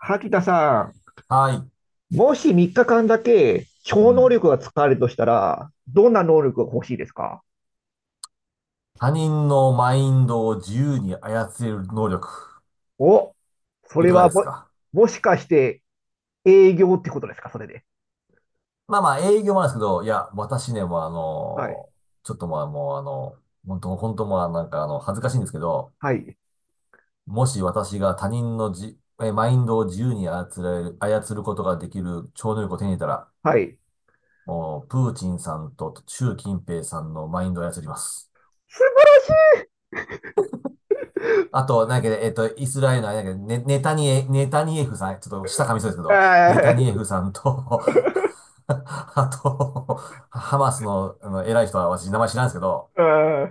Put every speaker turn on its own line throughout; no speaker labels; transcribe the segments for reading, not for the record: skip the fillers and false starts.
萩田さ
はい。
ん、もし3日間だけ
う
超能
ん。
力が使われるとしたら、どんな能力が欲しいですか？
他人のマインドを自由に操れる能力、
お、そ
い
れ
かが
は
です
も、
か？
もしかして営業ってことですかそれで？
まあまあ、営業もあるんですけど、いや、私ね、もう
はい。
ちょっとまあもう本当本当まあなんか恥ずかしいんですけど、
はい。
もし私が他人のマインドを自由に操ることができる超能力を手に入れたら、
はい。
もう、プーチンさんと習近平さんのマインドを操ります。
素晴
あと、なんだっけ、イスラエルのあれだっけ、ネタニエフさん、ちょっと下噛みそうですけど、ネタ
らしい、あ
ニエフ
ー。
さんと あと、ハマスの、あの偉い人は私、名前知らんですけど、
あ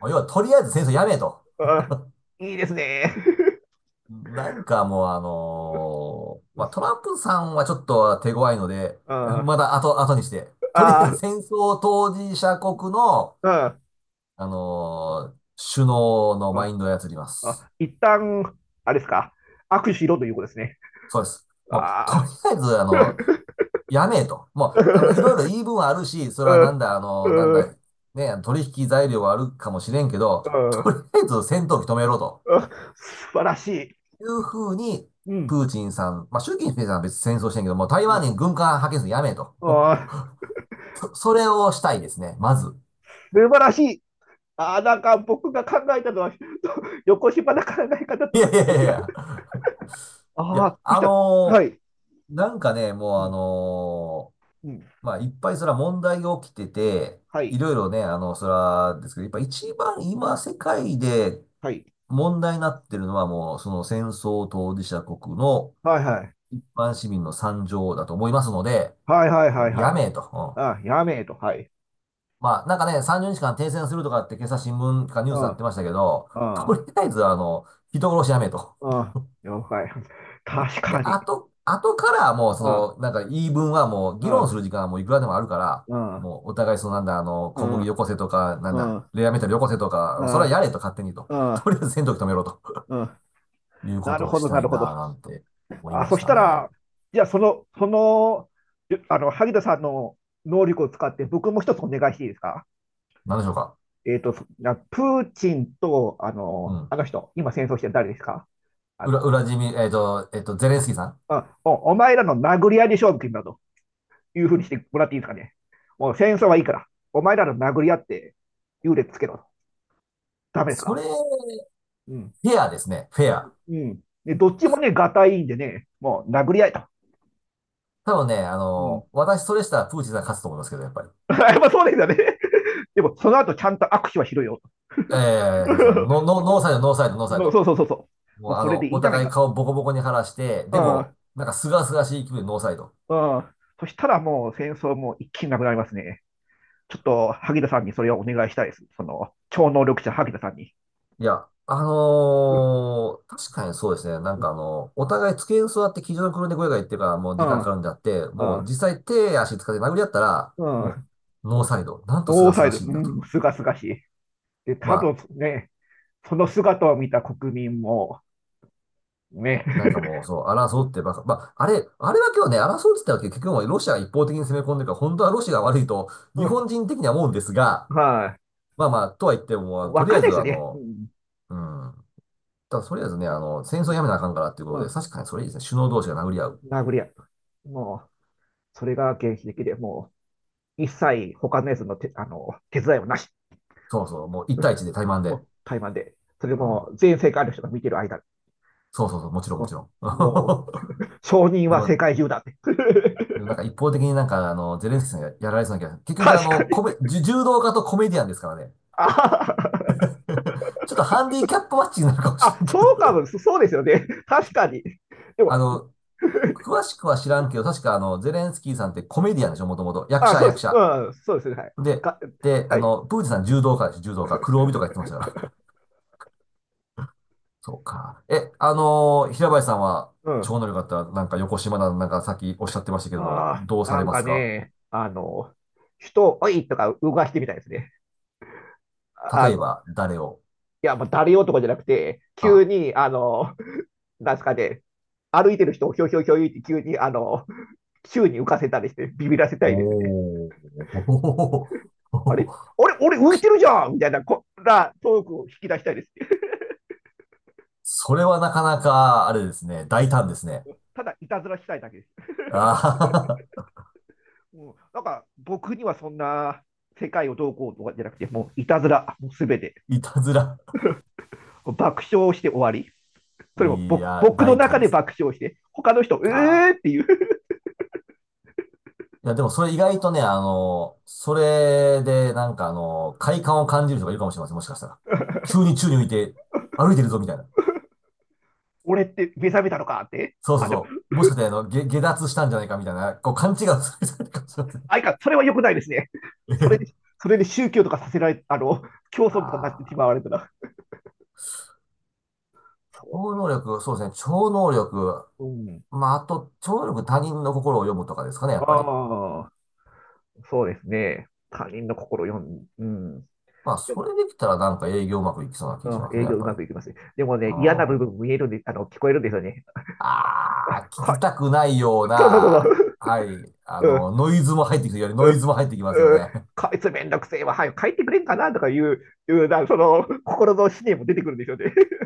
もう要はとりあえず戦争やめと。
ー、あー、いいですね。
なんかもうまあ、トランプさんはちょっと手強いので、
あ
まだ
ー、
後にして、とりあえ
あ
ず
ー、
戦争当事者国の、
あー、
首脳の
あ
マ
ー、
インドを操りま
あ
す。
ー一旦、あれですか、握手しろということですね。
そうです。もう、と
ああ。
りあえず、やめえと。もう、いろい ろ言い分はあるし、それ
う
はな
ん、
んだ、なん
う
だ、
ん、
ね、取引材料はあるかもしれんけど、
う
と
ん。
りあえず戦闘機止めろと
あ、素晴らしい。
いうふうに、
うん。
プーチンさん、まあ、習近平さんは別に戦争してんけど、もう台湾に
あ
軍艦派遣するのやめえと。
あ、
それをしたいですね、まず。
素晴らしい。あ、なんか僕が考えたのは、横芝な考え方と
いや
は
いや
全
いやい
然違う。
や。い
ああ、ど
や、
うしたら。はい。
なんかね、も
う
う
ん。うん。
まあ、いっぱいそれは問題が起きてて、
は
い
い。
ろいろね、それはですけど、やっぱ一番今世界で
はい。
問題になってるのはもう、その戦争当事者国の
はいはい。
一般市民の惨状だと思いますので、
はいはい
も
はい
う
は
や
い。
めえと。うん、
あ、やめえと。はい。
まあ、なんかね、30日間停戦するとかって今朝新聞かニュー
う
スになって
ん。
ましたけど、
う
と
ん。
りあえず人殺しやめえと。
うん。了解。
で、
確
で、
かに。
あとからもうそ
うん。
の、なんか言い分はもう
う
議論
ん。
する時間はもういくらでもあるから、
うん。
もうお互いそのなんだ、
う
小麦よ
ん。
こせとか、なん
う
だ、
ん。
レアメタルよこせと
う
か、それは
ん。
やれと勝手にと。
うん。
とりあえず戦闘機止めろと。
うん、
いうこ
な
と
る
を
ほ
し
ど、
た
な
い
るほ
なぁ
ど。
なんて思い
あ、
ま
そ
し
し
た
た
ね。
ら、じゃああの、萩田さんの能力を使って、僕も一つお願いしていいですか？
なんでしょうか。
えっと、そなプーチンと、あ
う
の、
ん。
あの人、今戦争してる誰ですか？あ
裏、
の、
裏地味、えっと、えっと、ゼレンスキーさん。
あ、お、お前らの殴り合いで勝負決めたというふうにしてもらっていいですかね。もう戦争はいいから、お前らの殴り合って優劣つけろと。ダメです
そ
か？
れ、フ
うん。
ェアですね。フェア。
うん。で、どっちもね、がたいいんでね、もう殴り合いと。
多分ね、
うん。
私それしたらプーチンさん勝つと思いますけど、やっぱり。
やっぱそうですよね。でも、その後ちゃんと握手はしろよと。
ええー、そうですか。ノーサイド、ノーサイド、ノーサイ
もう
ド。
そうそうそうそう。
もう
もうそれでい
お
いじゃない
互い
かと。
顔ボコボコに晴らして、でも、なんかすがすがしい気分でノーサイド。
うん、うん。そしたらもう戦争も一気になくなりますね。ちょっと萩田さんにそれをお願いしたいです。その超能力者萩田さんに。
いや、
うん、
確かにそうですね。なんか
う
お互い机に座って机上の黒猫が言ってるからもう
ん、
時間かかるんであって、
うん、
も
う
う
ん。
実際手足使って殴り合ったら、
う
も
ん、
うノーサイド。なんとす
ノ
が
ー
す
サイ
が
ド、
しいん
う
だと。
ん、すがすがしい。で、
ま
多
あ、
分ね、その姿を見た国民も、ね、
なんかもうそう、争うってばか、まあ、あれだけはね、争うって言ったわけ結局もうロシアが一方的に攻め込んでるから、本当はロシアが悪いと日
うん、
本人的には思うんですが、
は
まあまあ、とは言って
い、
も、
わ
とり
か
あ
ん
え
ないで
ず
すよね。うん、
うん、ただとりあえずね、戦争やめなあかんからっていう
う
ことで、
ん、
確かにそれいいですね。首脳同士が殴り合う。
殴り合う、もう、それが原始的で、もう、一切他のやつの手あの手伝いはなし。
そうそう、もう一対一で対マン
も
で。
う台湾で。それ
うん。
も全世界の人が見てる間、
そうそうそう、もちろん
う
も
ん、
ちろん。
もう承認
で
は世
も、
界中だって。
なんか一方的になんかゼレンスキーさんがやられそうな気がする。結局
確かに。
コメ、じ柔道家とコメディアンですからね。
あ
ちょっとハンディキャップマッチになるかもし
あ、
れんけ
そうか
ど。
も、そうですよね。確かに。で も、
あの、詳しくは知らんけど、確かゼレンスキーさんってコメディアンでしょ、もともと。役
あ、
者、
そうで
役
す。
者。
うん、そうですね。はい。
で、
か、
で、
はい。
プーチンさん柔道家でしょ、柔道家。黒帯とか言ってましたから。そうか。え、あのー平林さんは、
うん。
超能力あったら、なんか横島な、なんかさっきおっしゃってましたけども、
ああ、
どうさ
な
れ
ん
ま
か
すか？
ね、あの、人を、おいとか動かしてみたいですね。あ
例え
の、
ば、誰を
いや、もう誰男じゃなくて、急
あ、
に、あの、なんですかね、歩いてる人をひょいひょいひょいって急に、あの、宙に浮かせたりしてビビらせたいですね。
おー。
あれ あれ俺浮いてるじゃんみたいなこんなトークを引き出したいですね。
それはなかなか、あれですね、大胆ですね。
ただいたずらしたいだけです。
あ
もうなんか僕にはそんな世界をどうこうとかじゃなくて、もういたずら、もうすべて。
ー いたずら。
爆笑して終わり。それも
い
僕
や、
僕の
大
中
胆で
で
すね。
爆笑して、他の人、
あ
っていう。
いや、でもそれ意外とね、それで、なんか快感を感じる人がいるかもしれません、もしかしたら。急に宙に浮いて、歩いてるぞ、みたいな。
俺って目覚めたのかって。
そうそう
あ、でも、
そう。もしかして、下脱したんじゃないか、みたいな、こう、勘違いをする人がいるかもしれません。
あいか、それは良くないですね。それで、それで宗教とかさせられ、あの、競 争とかになってし
あ
まわれ
あ。
たら。そ
超能力、そうですね、超能力。
う。うん。
まあ、あと、超能力他人の心を読むとかですかね、やっ
あ
ぱり。
あ。そうですね。他人の心を読ん、うん。
まあ、
で
そ
も、
れできたらなんか営業うまくいきそうな気しま
うん、
すね、
営
や
業
っ
う
ぱ
ま
り。
くいきま
う
すね。でも
ん。
ね、嫌な部
あ
分見えるんで、あの、聞こえるんですよね。
あ、聞
は
き
い、
たくないよう
そうそうそ
な、
う
はい、
そう。うん、
ノイズも入ってきてよりノイズも入ってきま
う
すよ
ん、うん。
ね。
こ いつめんどくせえわ、早く帰ってくれんかなとかいう、いうな、その、心の思念も出てくるんですよね。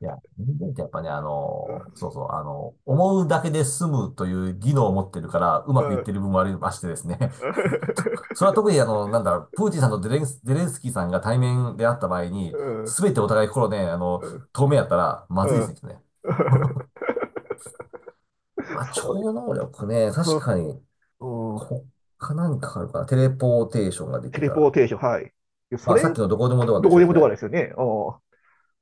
いや、人間ってやっぱね、
うん、
そうそう、思うだけで済むという技能を持ってるから、う
う
まくいって
ん、
る部分もありましてですね。とそれは特になんだろう、プーチンさんとゼレンスキーさんが対面であった場合
う
に、
ん、
すべてお互い心ね、
うん。
透明やったら、まずいで
う
す
ん、
ね、きっとね。まあ、
そうです。
超能力ね、
う
確
ん、
かに、
うん。
他何かあるかな。テレポーテーションがで
テ
き
レ
た
ポー
ら。
テーション、はい。いや
ま
そ
あ、さ
れ、
っきのどこでもドアと
ど
一
こ
緒
で
です
も
ね。テ
ドア
レ
ですよね。うん。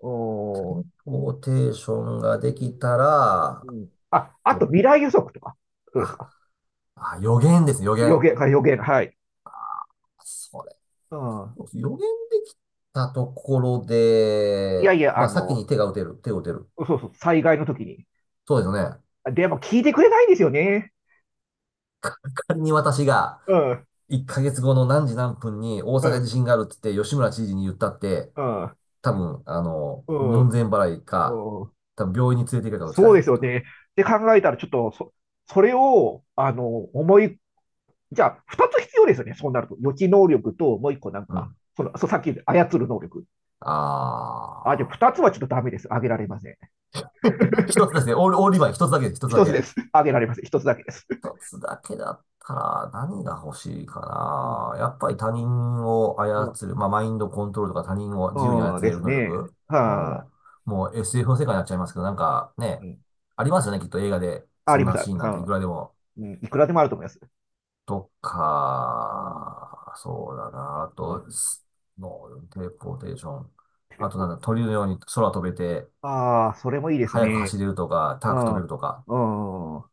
う
ポーテーションがで
ん、
きたら、
うん。あ、あ
ど
と
う、
未来予測とか。どうです
あ、
か？
あ、予言ですね、予
予
言。
言、はい、予言、はい。
それ。
うん。
予言できたところ
いや
で、
いや、
ま
あ
あ、先
の、
に手を打てる。
そうそう、災害の時に。
そうですよね。
でも聞いてくれないんですよね。
仮に私が、
うん、う
1ヶ月後の何時何分に大
ん、
阪地震があるって言って、吉村知事に言ったって、
うん、
多分、
うん、
門
う
前払いか、
ん。
多分病院に連れて行くかどっちか
そ
で
う
す
で
ね、
す
きっ
よ
と。
ね。って考えたら、ちょっとそ、それを、あの、思い、じゃあ、二つ必要ですよね。そうなると。予知能力と、もう一個なん
う
か、
ん。
さっき言った操る能力。あ、でも
あ
二つはちょっとダメです。あげられません。
ー。一つですね。オールリバイン、一つだけです、一つだ
一つ
け。
です。あげられません。一つだけです。
一つだけだったら
う
何
ん、
が欲しいか
うん、
な。やっぱり他人を
うん。
操る、まあ、マインドコントロールとか他人を自由に操
そう
れ
で
る
す
能
ね。
力。うん。
はあ、
もう SF の世界になっちゃいますけど、なんかね、
うん。
ありますよね、きっと映画で。
あ、あ
そ
り
ん
まし
な
た。
シーンな
さ
んていく
ん、
らでも。
うん、いくらでもあると思います。
と
うん。
か、そうだな。あ
あ、
と、もう、テレポーテーション。
テレ
あとな
ポ。
んだ、鳥のように空飛べて、
ああ、それもいいです
速く
ね。
走れるとか、
う
高く飛
ん。う
べるとか。
ん。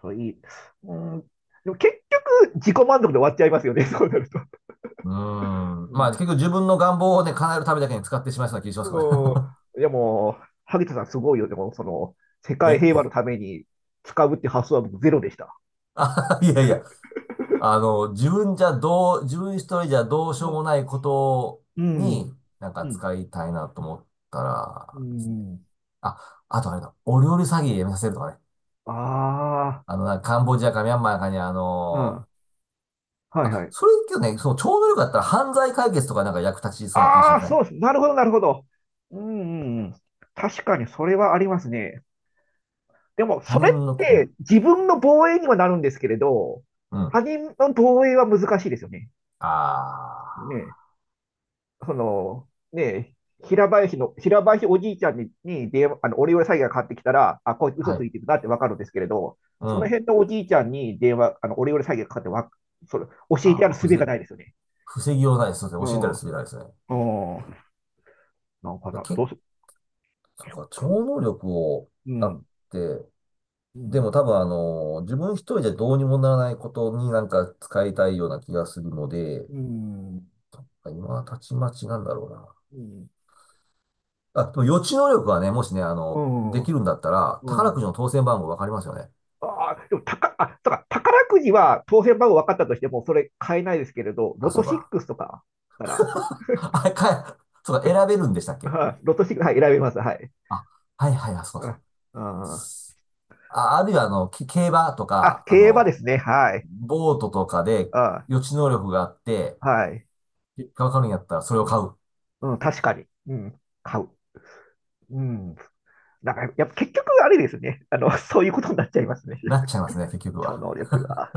それいい。うん。でも結構自己満足で終わっちゃいますよね、そうなると。
うーん。
う
まあ、
ん。
結局自分の願望をね、叶えるためだけに使ってしまいそうな気がしますけどね。
うん。でも、萩田さんすごいよね。でも、その、世 界
え
平和のために使うって発想は僕ゼロでした。
いやいや。自分一人じゃどうし
う
よう
ん。
もないこと
うん。
に、なんか
うん。
使いたいなと思った
う
らですね。
ん。
あ、あとあれだ。お料理詐欺やめさせるとかね。
あ
なんかカンボジアかミャンマーかに
あ、うん。はいはい。
それけどね、その超能力だったら犯罪解決とかなんか役立ちそうな気し
あ
ま
あ、
せん？
そうです。なるほど、なるほど。うん、うん、うん。確かにそれはありますね。でも、
他
そ
人
れっ
のこ、う
て
ん、
自分の防衛にはなるんですけれど、
うん。
他人の防衛は難しいですよね。
あ
ねえ、その、ねえ、平林の、平林おじいちゃんに、に電話、あの、オレオレ詐欺がかかってきたら、あ、こいつ
あ、
嘘
は
つ
い。
いてるなってわかるんですけれど、
うん。
その
あ
辺のおじいちゃんに電話、あの、オレオレ詐欺がかかってわ、それ、教えてやる
あ、
術がないですよね。
防ぎようないです。そうで
う
すね。教えた
ん。
りするじゃないですね。
うん。なんか
いや、
な、どうす、
そうか、超能力を、
う
だっ
ん。
て、
う
で
ん。
も多分自分一人じゃどうにもならないことになんか使いたいような気がするので、
うん。
そっか今はたちまちなんだろうな。
うん。
あ、でも予知能力はね、もしね、
うん。
でき
う
るんだったら、宝く
ん。
じの当選番号わかりますよね。
ああ、でも、たか、あ、そうか、宝くじは当選番号分かったとしても、それ買えないですけれど、
あ、
ロ
そ
ト
う
シッ
か。
クスとかなら、
あ、か、そうか、選べるんでしたっ け？
はい、ロトシックス、はい、選べます。はい。
あ、はいはい、あ、そう
う
かそう
ん。
か。
うん、
あ、あるいは、競馬と
あ、
か、
競馬ですね。はい。
ボートとかで
あ、
予知能力があって、
はい。
結果わかるんやったらそれを買う。
うん、確かに。うん、買う。うん。なんから、やっぱ結局、あれですね。あの、そういうことになっちゃいますね。
なっ ちゃいますね、結局
超
は。
能力が。